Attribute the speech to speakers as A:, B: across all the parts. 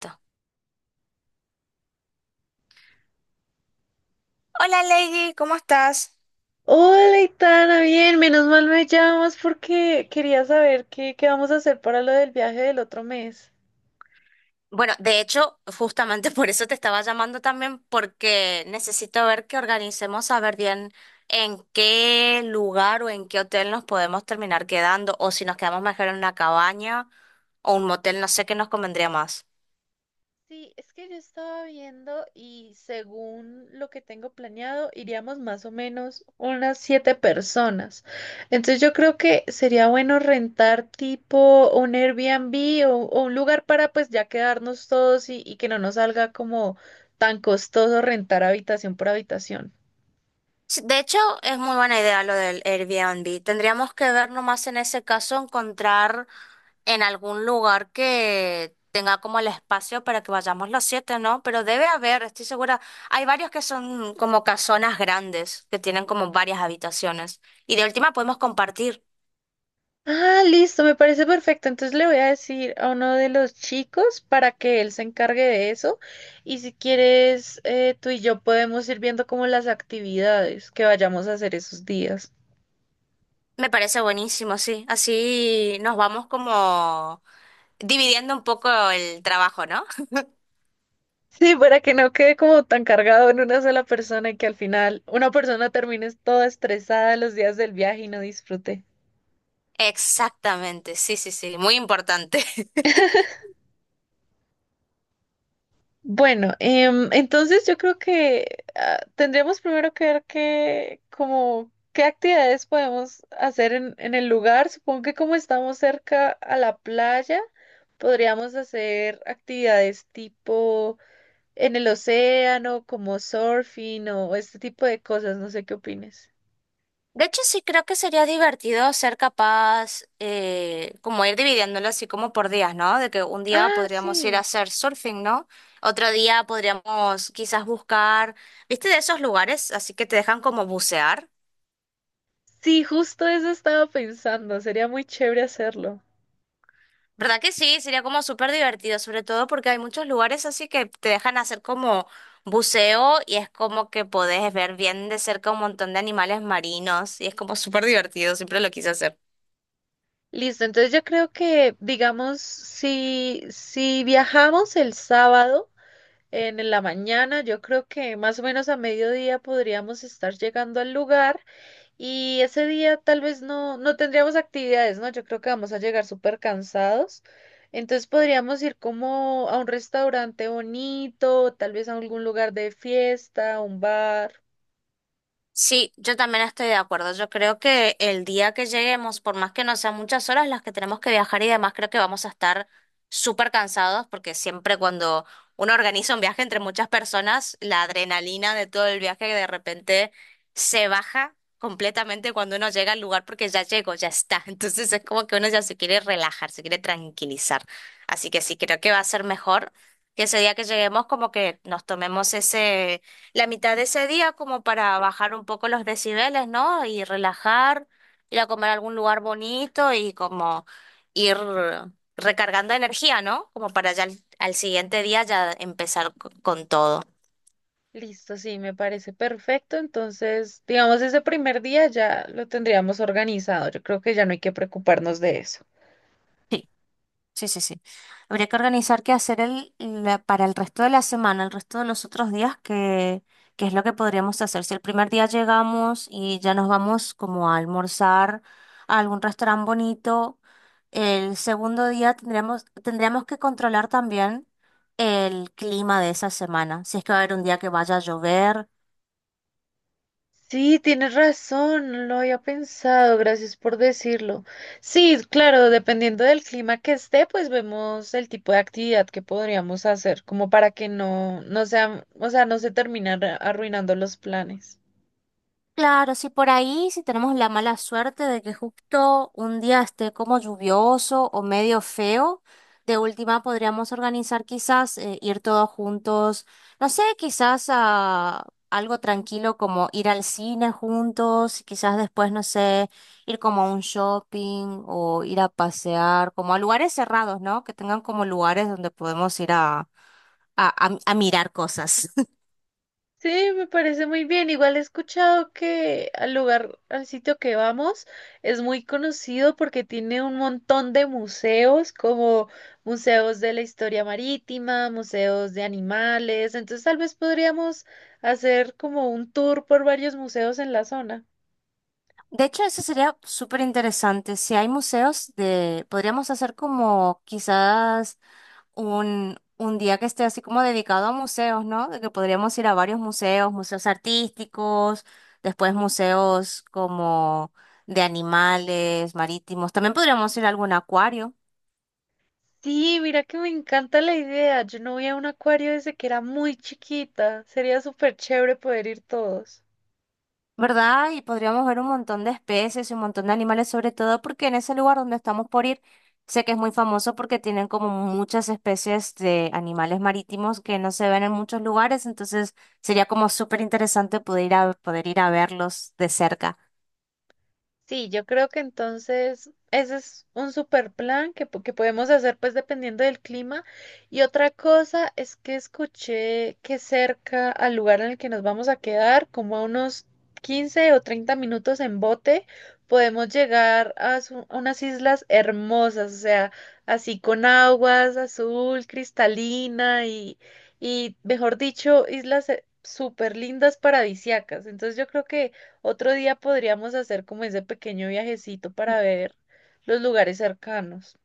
A: Listo. Hola Lady, ¿cómo estás?
B: Hola, Itana, bien, menos mal me llamas porque quería saber qué vamos a hacer para lo del viaje del otro mes.
A: Bueno, de hecho, justamente por eso te estaba llamando también, porque necesito ver que organicemos a ver bien en qué lugar o en qué hotel nos podemos terminar quedando, o si nos quedamos mejor en una cabaña o un motel, no sé qué nos convendría más.
B: Sí, es que yo estaba viendo y según lo que tengo planeado, iríamos más o menos unas 7 personas. Entonces yo creo que sería bueno rentar tipo un Airbnb o un lugar para pues ya quedarnos todos y que no nos salga como tan costoso rentar habitación por habitación.
A: Sí, de hecho, es muy buena idea lo del Airbnb. Tendríamos que ver nomás en ese caso encontrar en algún lugar que tenga como el espacio para que vayamos los siete, ¿no? Pero debe haber, estoy segura. Hay varios que son como casonas grandes, que tienen como varias habitaciones. Y de última podemos compartir.
B: Ah, listo, me parece perfecto. Entonces le voy a decir a uno de los chicos para que él se encargue de eso. Y si quieres, tú y yo podemos ir viendo como las actividades que vayamos a hacer esos días.
A: Me parece buenísimo, sí. Así nos vamos como dividiendo un poco el trabajo, ¿no?
B: Sí, para que no quede como tan cargado en una sola persona y que al final una persona termine toda estresada los días del viaje y no disfrute.
A: Exactamente, sí, sí, sí, muy importante.
B: Bueno, entonces yo creo que tendríamos primero que ver qué, como, qué actividades podemos hacer en el lugar. Supongo que como estamos cerca a la playa, podríamos hacer actividades tipo en el océano, como surfing o este tipo de cosas. No sé qué opines.
A: De hecho, sí creo que sería divertido ser capaz, como ir dividiéndolo así como por días, ¿no? De que un día
B: Ah,
A: podríamos ir a
B: sí.
A: hacer surfing, ¿no? Otro día podríamos quizás buscar, ¿viste? De esos lugares, así que te dejan como bucear.
B: Sí, justo eso estaba pensando. Sería muy chévere hacerlo.
A: ¿Verdad que sí? Sería como súper divertido, sobre todo porque hay muchos lugares así que te dejan hacer como buceo y es como que podés ver bien de cerca un montón de animales marinos y es como súper divertido, siempre lo quise hacer.
B: Listo, entonces yo creo que, digamos, si viajamos el sábado en la mañana, yo creo que más o menos a mediodía podríamos estar llegando al lugar y ese día tal vez no tendríamos actividades, ¿no? Yo creo que vamos a llegar súper cansados. Entonces podríamos ir como a un restaurante bonito, tal vez a algún lugar de fiesta, un bar.
A: Sí, yo también estoy de acuerdo. Yo creo que el día que lleguemos, por más que no sean muchas horas las que tenemos que viajar y demás, creo que vamos a estar súper cansados porque siempre cuando uno organiza un viaje entre muchas personas, la adrenalina de todo el viaje de repente se baja completamente cuando uno llega al lugar porque ya llegó, ya está. Entonces es como que uno ya se quiere relajar, se quiere tranquilizar. Así que sí, creo que va a ser mejor que ese día que lleguemos como que nos tomemos ese la mitad de ese día como para bajar un poco los decibeles, ¿no? Y relajar, ir a comer a algún lugar bonito y como ir recargando energía, ¿no? Como para ya al, al siguiente día ya empezar con todo.
B: Listo, sí, me parece perfecto. Entonces, digamos, ese primer día ya lo tendríamos organizado. Yo creo que ya no hay que preocuparnos de eso.
A: Sí, sí, sí, sí. Habría que organizar qué hacer para el resto de la semana, el resto de los otros días, qué es lo que podríamos hacer. Si el primer día llegamos y ya nos vamos como a almorzar a algún restaurante bonito. El segundo día tendremos, tendremos que controlar también el clima de esa semana. Si es que va a haber un día que vaya a llover.
B: Sí, tienes razón, no lo había pensado, gracias por decirlo. Sí, claro, dependiendo del clima que esté, pues vemos el tipo de actividad que podríamos hacer, como para que no sea, o sea, no se terminan arruinando los planes.
A: Claro, si por ahí, si tenemos la mala suerte de que justo un día esté como lluvioso o medio feo, de última podríamos organizar quizás ir todos juntos, no sé, quizás a algo tranquilo como ir al cine juntos, quizás después, no sé, ir como a un shopping o ir a pasear, como a lugares cerrados, ¿no? Que tengan como lugares donde podemos ir a mirar cosas.
B: Sí, me parece muy bien. Igual he escuchado que al lugar, al sitio que vamos, es muy conocido porque tiene un montón de museos, como museos de la historia marítima, museos de animales. Entonces, tal vez podríamos hacer como un tour por varios museos en la zona.
A: De hecho, eso sería súper interesante. Si hay museos de, podríamos hacer como quizás un día que esté así como dedicado a museos, ¿no? De que podríamos ir a varios museos, museos artísticos, después museos como de animales, marítimos. También podríamos ir a algún acuario.
B: Sí, mira que me encanta la idea. Yo no voy a un acuario desde que era muy chiquita. Sería súper chévere poder ir todos.
A: ¿Verdad? Y podríamos ver un montón de especies y un montón de animales, sobre todo porque en ese lugar donde estamos por ir, sé que es muy famoso porque tienen como muchas especies de animales marítimos que no se ven en muchos lugares, entonces sería como súper interesante poder ir a verlos de cerca.
B: Sí, yo creo que entonces ese es un super plan que podemos hacer pues dependiendo del clima. Y otra cosa es que escuché que cerca al lugar en el que nos vamos a quedar, como a unos 15 o 30 minutos en bote, podemos llegar a unas islas hermosas, o sea, así con aguas azul, cristalina y mejor dicho, islas súper lindas paradisiacas. Entonces yo creo que... Otro día podríamos hacer como ese pequeño viajecito para ver los lugares cercanos.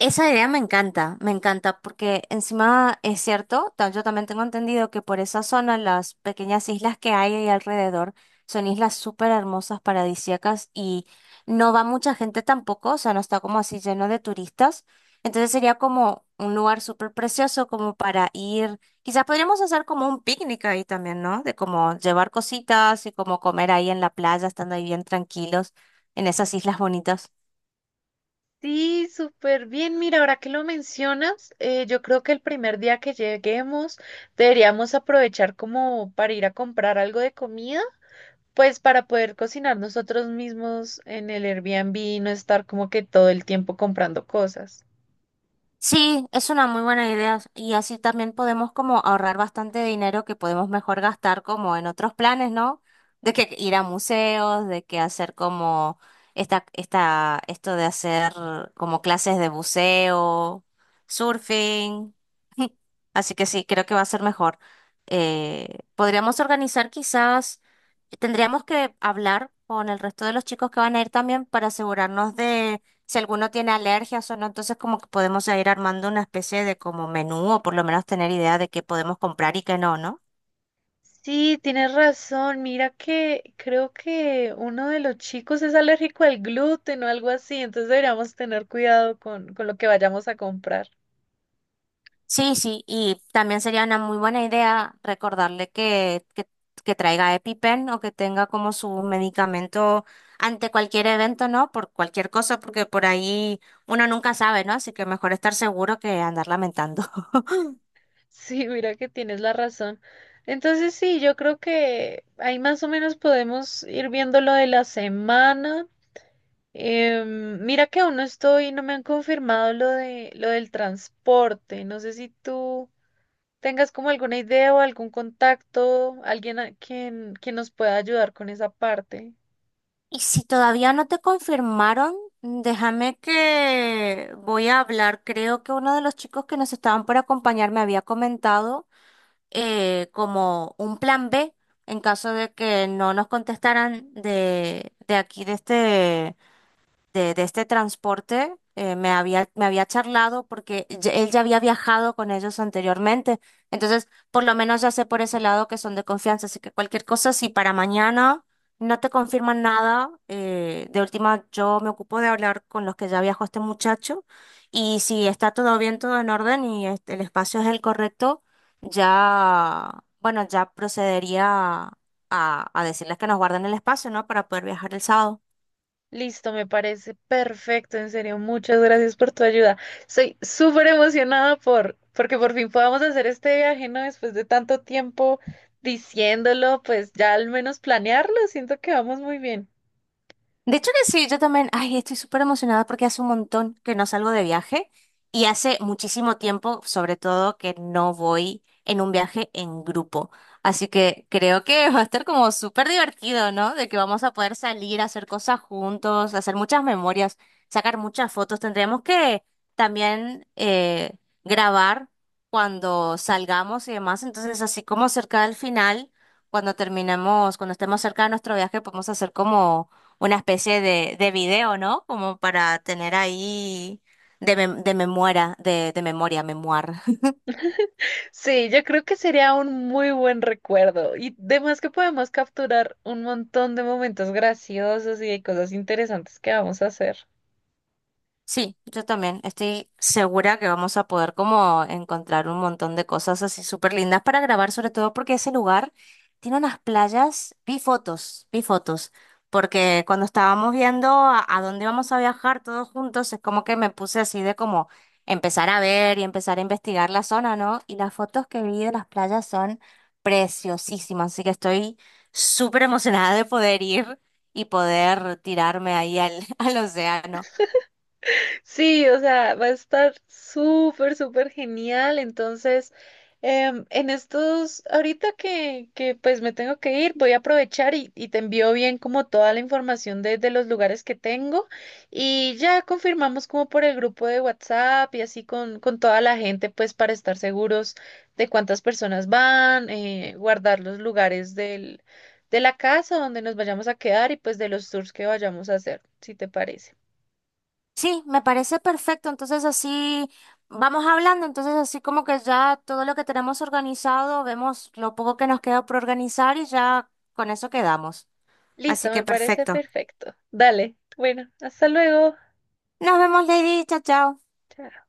A: Esa idea me encanta, porque encima es cierto, yo también tengo entendido que por esa zona las pequeñas islas que hay ahí alrededor son islas súper hermosas, paradisíacas y no va mucha gente tampoco, o sea, no está como así lleno de turistas. Entonces sería como un lugar súper precioso como para ir, quizás podríamos hacer como un picnic ahí también, ¿no? De como llevar cositas y como comer ahí en la playa, estando ahí bien tranquilos en esas islas bonitas.
B: Sí, súper bien. Mira, ahora que lo mencionas, yo creo que el primer día que lleguemos deberíamos aprovechar como para ir a comprar algo de comida, pues para poder cocinar nosotros mismos en el Airbnb y no estar como que todo el tiempo comprando cosas.
A: Sí, es una muy buena idea y así también podemos como ahorrar bastante dinero que podemos mejor gastar como en otros planes, ¿no? De que ir a museos, de que hacer como esto de hacer como clases de buceo, surfing. Así que sí, creo que va a ser mejor. Podríamos organizar quizás, tendríamos que hablar con el resto de los chicos que van a ir también para asegurarnos si alguno tiene alergias o no, entonces como que podemos ir armando una especie de como menú o por lo menos tener idea de qué podemos comprar y qué no, ¿no?
B: Sí, tienes razón. Mira que creo que uno de los chicos es alérgico al gluten o algo así, entonces deberíamos tener cuidado con lo que vayamos a comprar.
A: Sí, sí, y también sería una muy buena idea recordarle que traiga EpiPen o que tenga como su medicamento ante cualquier evento, ¿no? Por cualquier cosa, porque por ahí uno nunca sabe, ¿no? Así que mejor estar seguro que andar lamentando.
B: Sí, mira que tienes la razón. Entonces sí, yo creo que ahí más o menos podemos ir viendo lo de la semana. Mira que aún no estoy, no me han confirmado lo de lo del transporte. No sé si tú tengas como alguna idea o algún contacto, alguien a quien nos pueda ayudar con esa parte.
A: Y si todavía no te confirmaron, déjame que voy a hablar. Creo que uno de los chicos que nos estaban por acompañar me había comentado como un plan B en caso de que no nos contestaran de aquí, de este transporte me había charlado porque él ya había viajado con ellos anteriormente. Entonces, por lo menos ya sé por ese lado que son de confianza. Así que cualquier cosa, si para mañana no te confirman nada, de última yo me ocupo de hablar con los que ya viajó este muchacho. Y si está todo bien, todo en orden y este, el espacio es el correcto, ya, bueno, ya procedería a decirles que nos guarden el espacio, ¿no? Para poder viajar el sábado.
B: Listo, me parece perfecto, en serio, muchas gracias por tu ayuda. Soy súper emocionada porque por fin podamos hacer este viaje, ¿no? Después de tanto tiempo diciéndolo, pues ya al menos planearlo, siento que vamos muy bien.
A: De hecho que sí, yo también, ay, estoy súper emocionada porque hace un montón que no salgo de viaje y hace muchísimo tiempo, sobre todo, que no voy en un viaje en grupo. Así que creo que va a estar como súper divertido, ¿no? De que vamos a poder salir, a hacer cosas juntos, hacer muchas memorias, sacar muchas fotos. Tendremos que también grabar cuando salgamos y demás. Entonces, así como cerca del final, cuando terminemos, cuando estemos cerca de nuestro viaje, podemos hacer como una especie de video, ¿no? Como para tener ahí de memoria, de memoria, memoir.
B: Sí, yo creo que sería un muy buen recuerdo y además que podemos capturar un montón de momentos graciosos y de cosas interesantes que vamos a hacer.
A: Sí, yo también estoy segura que vamos a poder como encontrar un montón de cosas así súper lindas para grabar, sobre todo porque ese lugar tiene unas playas, vi fotos, porque cuando estábamos viendo a dónde vamos a viajar todos juntos, es como que me puse así de como empezar a ver y empezar a investigar la zona, ¿no? Y las fotos que vi de las playas son preciosísimas, así que estoy súper emocionada de poder ir y poder tirarme ahí al, al océano.
B: Sí, o sea, va a estar súper genial. Entonces, en estos, ahorita que pues me tengo que ir, voy a aprovechar y te envío bien como toda la información de los lugares que tengo y ya confirmamos como por el grupo de WhatsApp y así con toda la gente, pues para estar seguros de cuántas personas van, guardar los lugares de la casa donde nos vayamos a quedar y pues de los tours que vayamos a hacer, si te parece.
A: Sí, me parece perfecto. Entonces así vamos hablando. Entonces así como que ya todo lo que tenemos organizado, vemos lo poco que nos queda por organizar y ya con eso quedamos. Así
B: Listo,
A: que
B: me parece
A: perfecto.
B: perfecto. Dale. Bueno, hasta luego.
A: Nos vemos, Lady. Chao, chao.
B: Chao.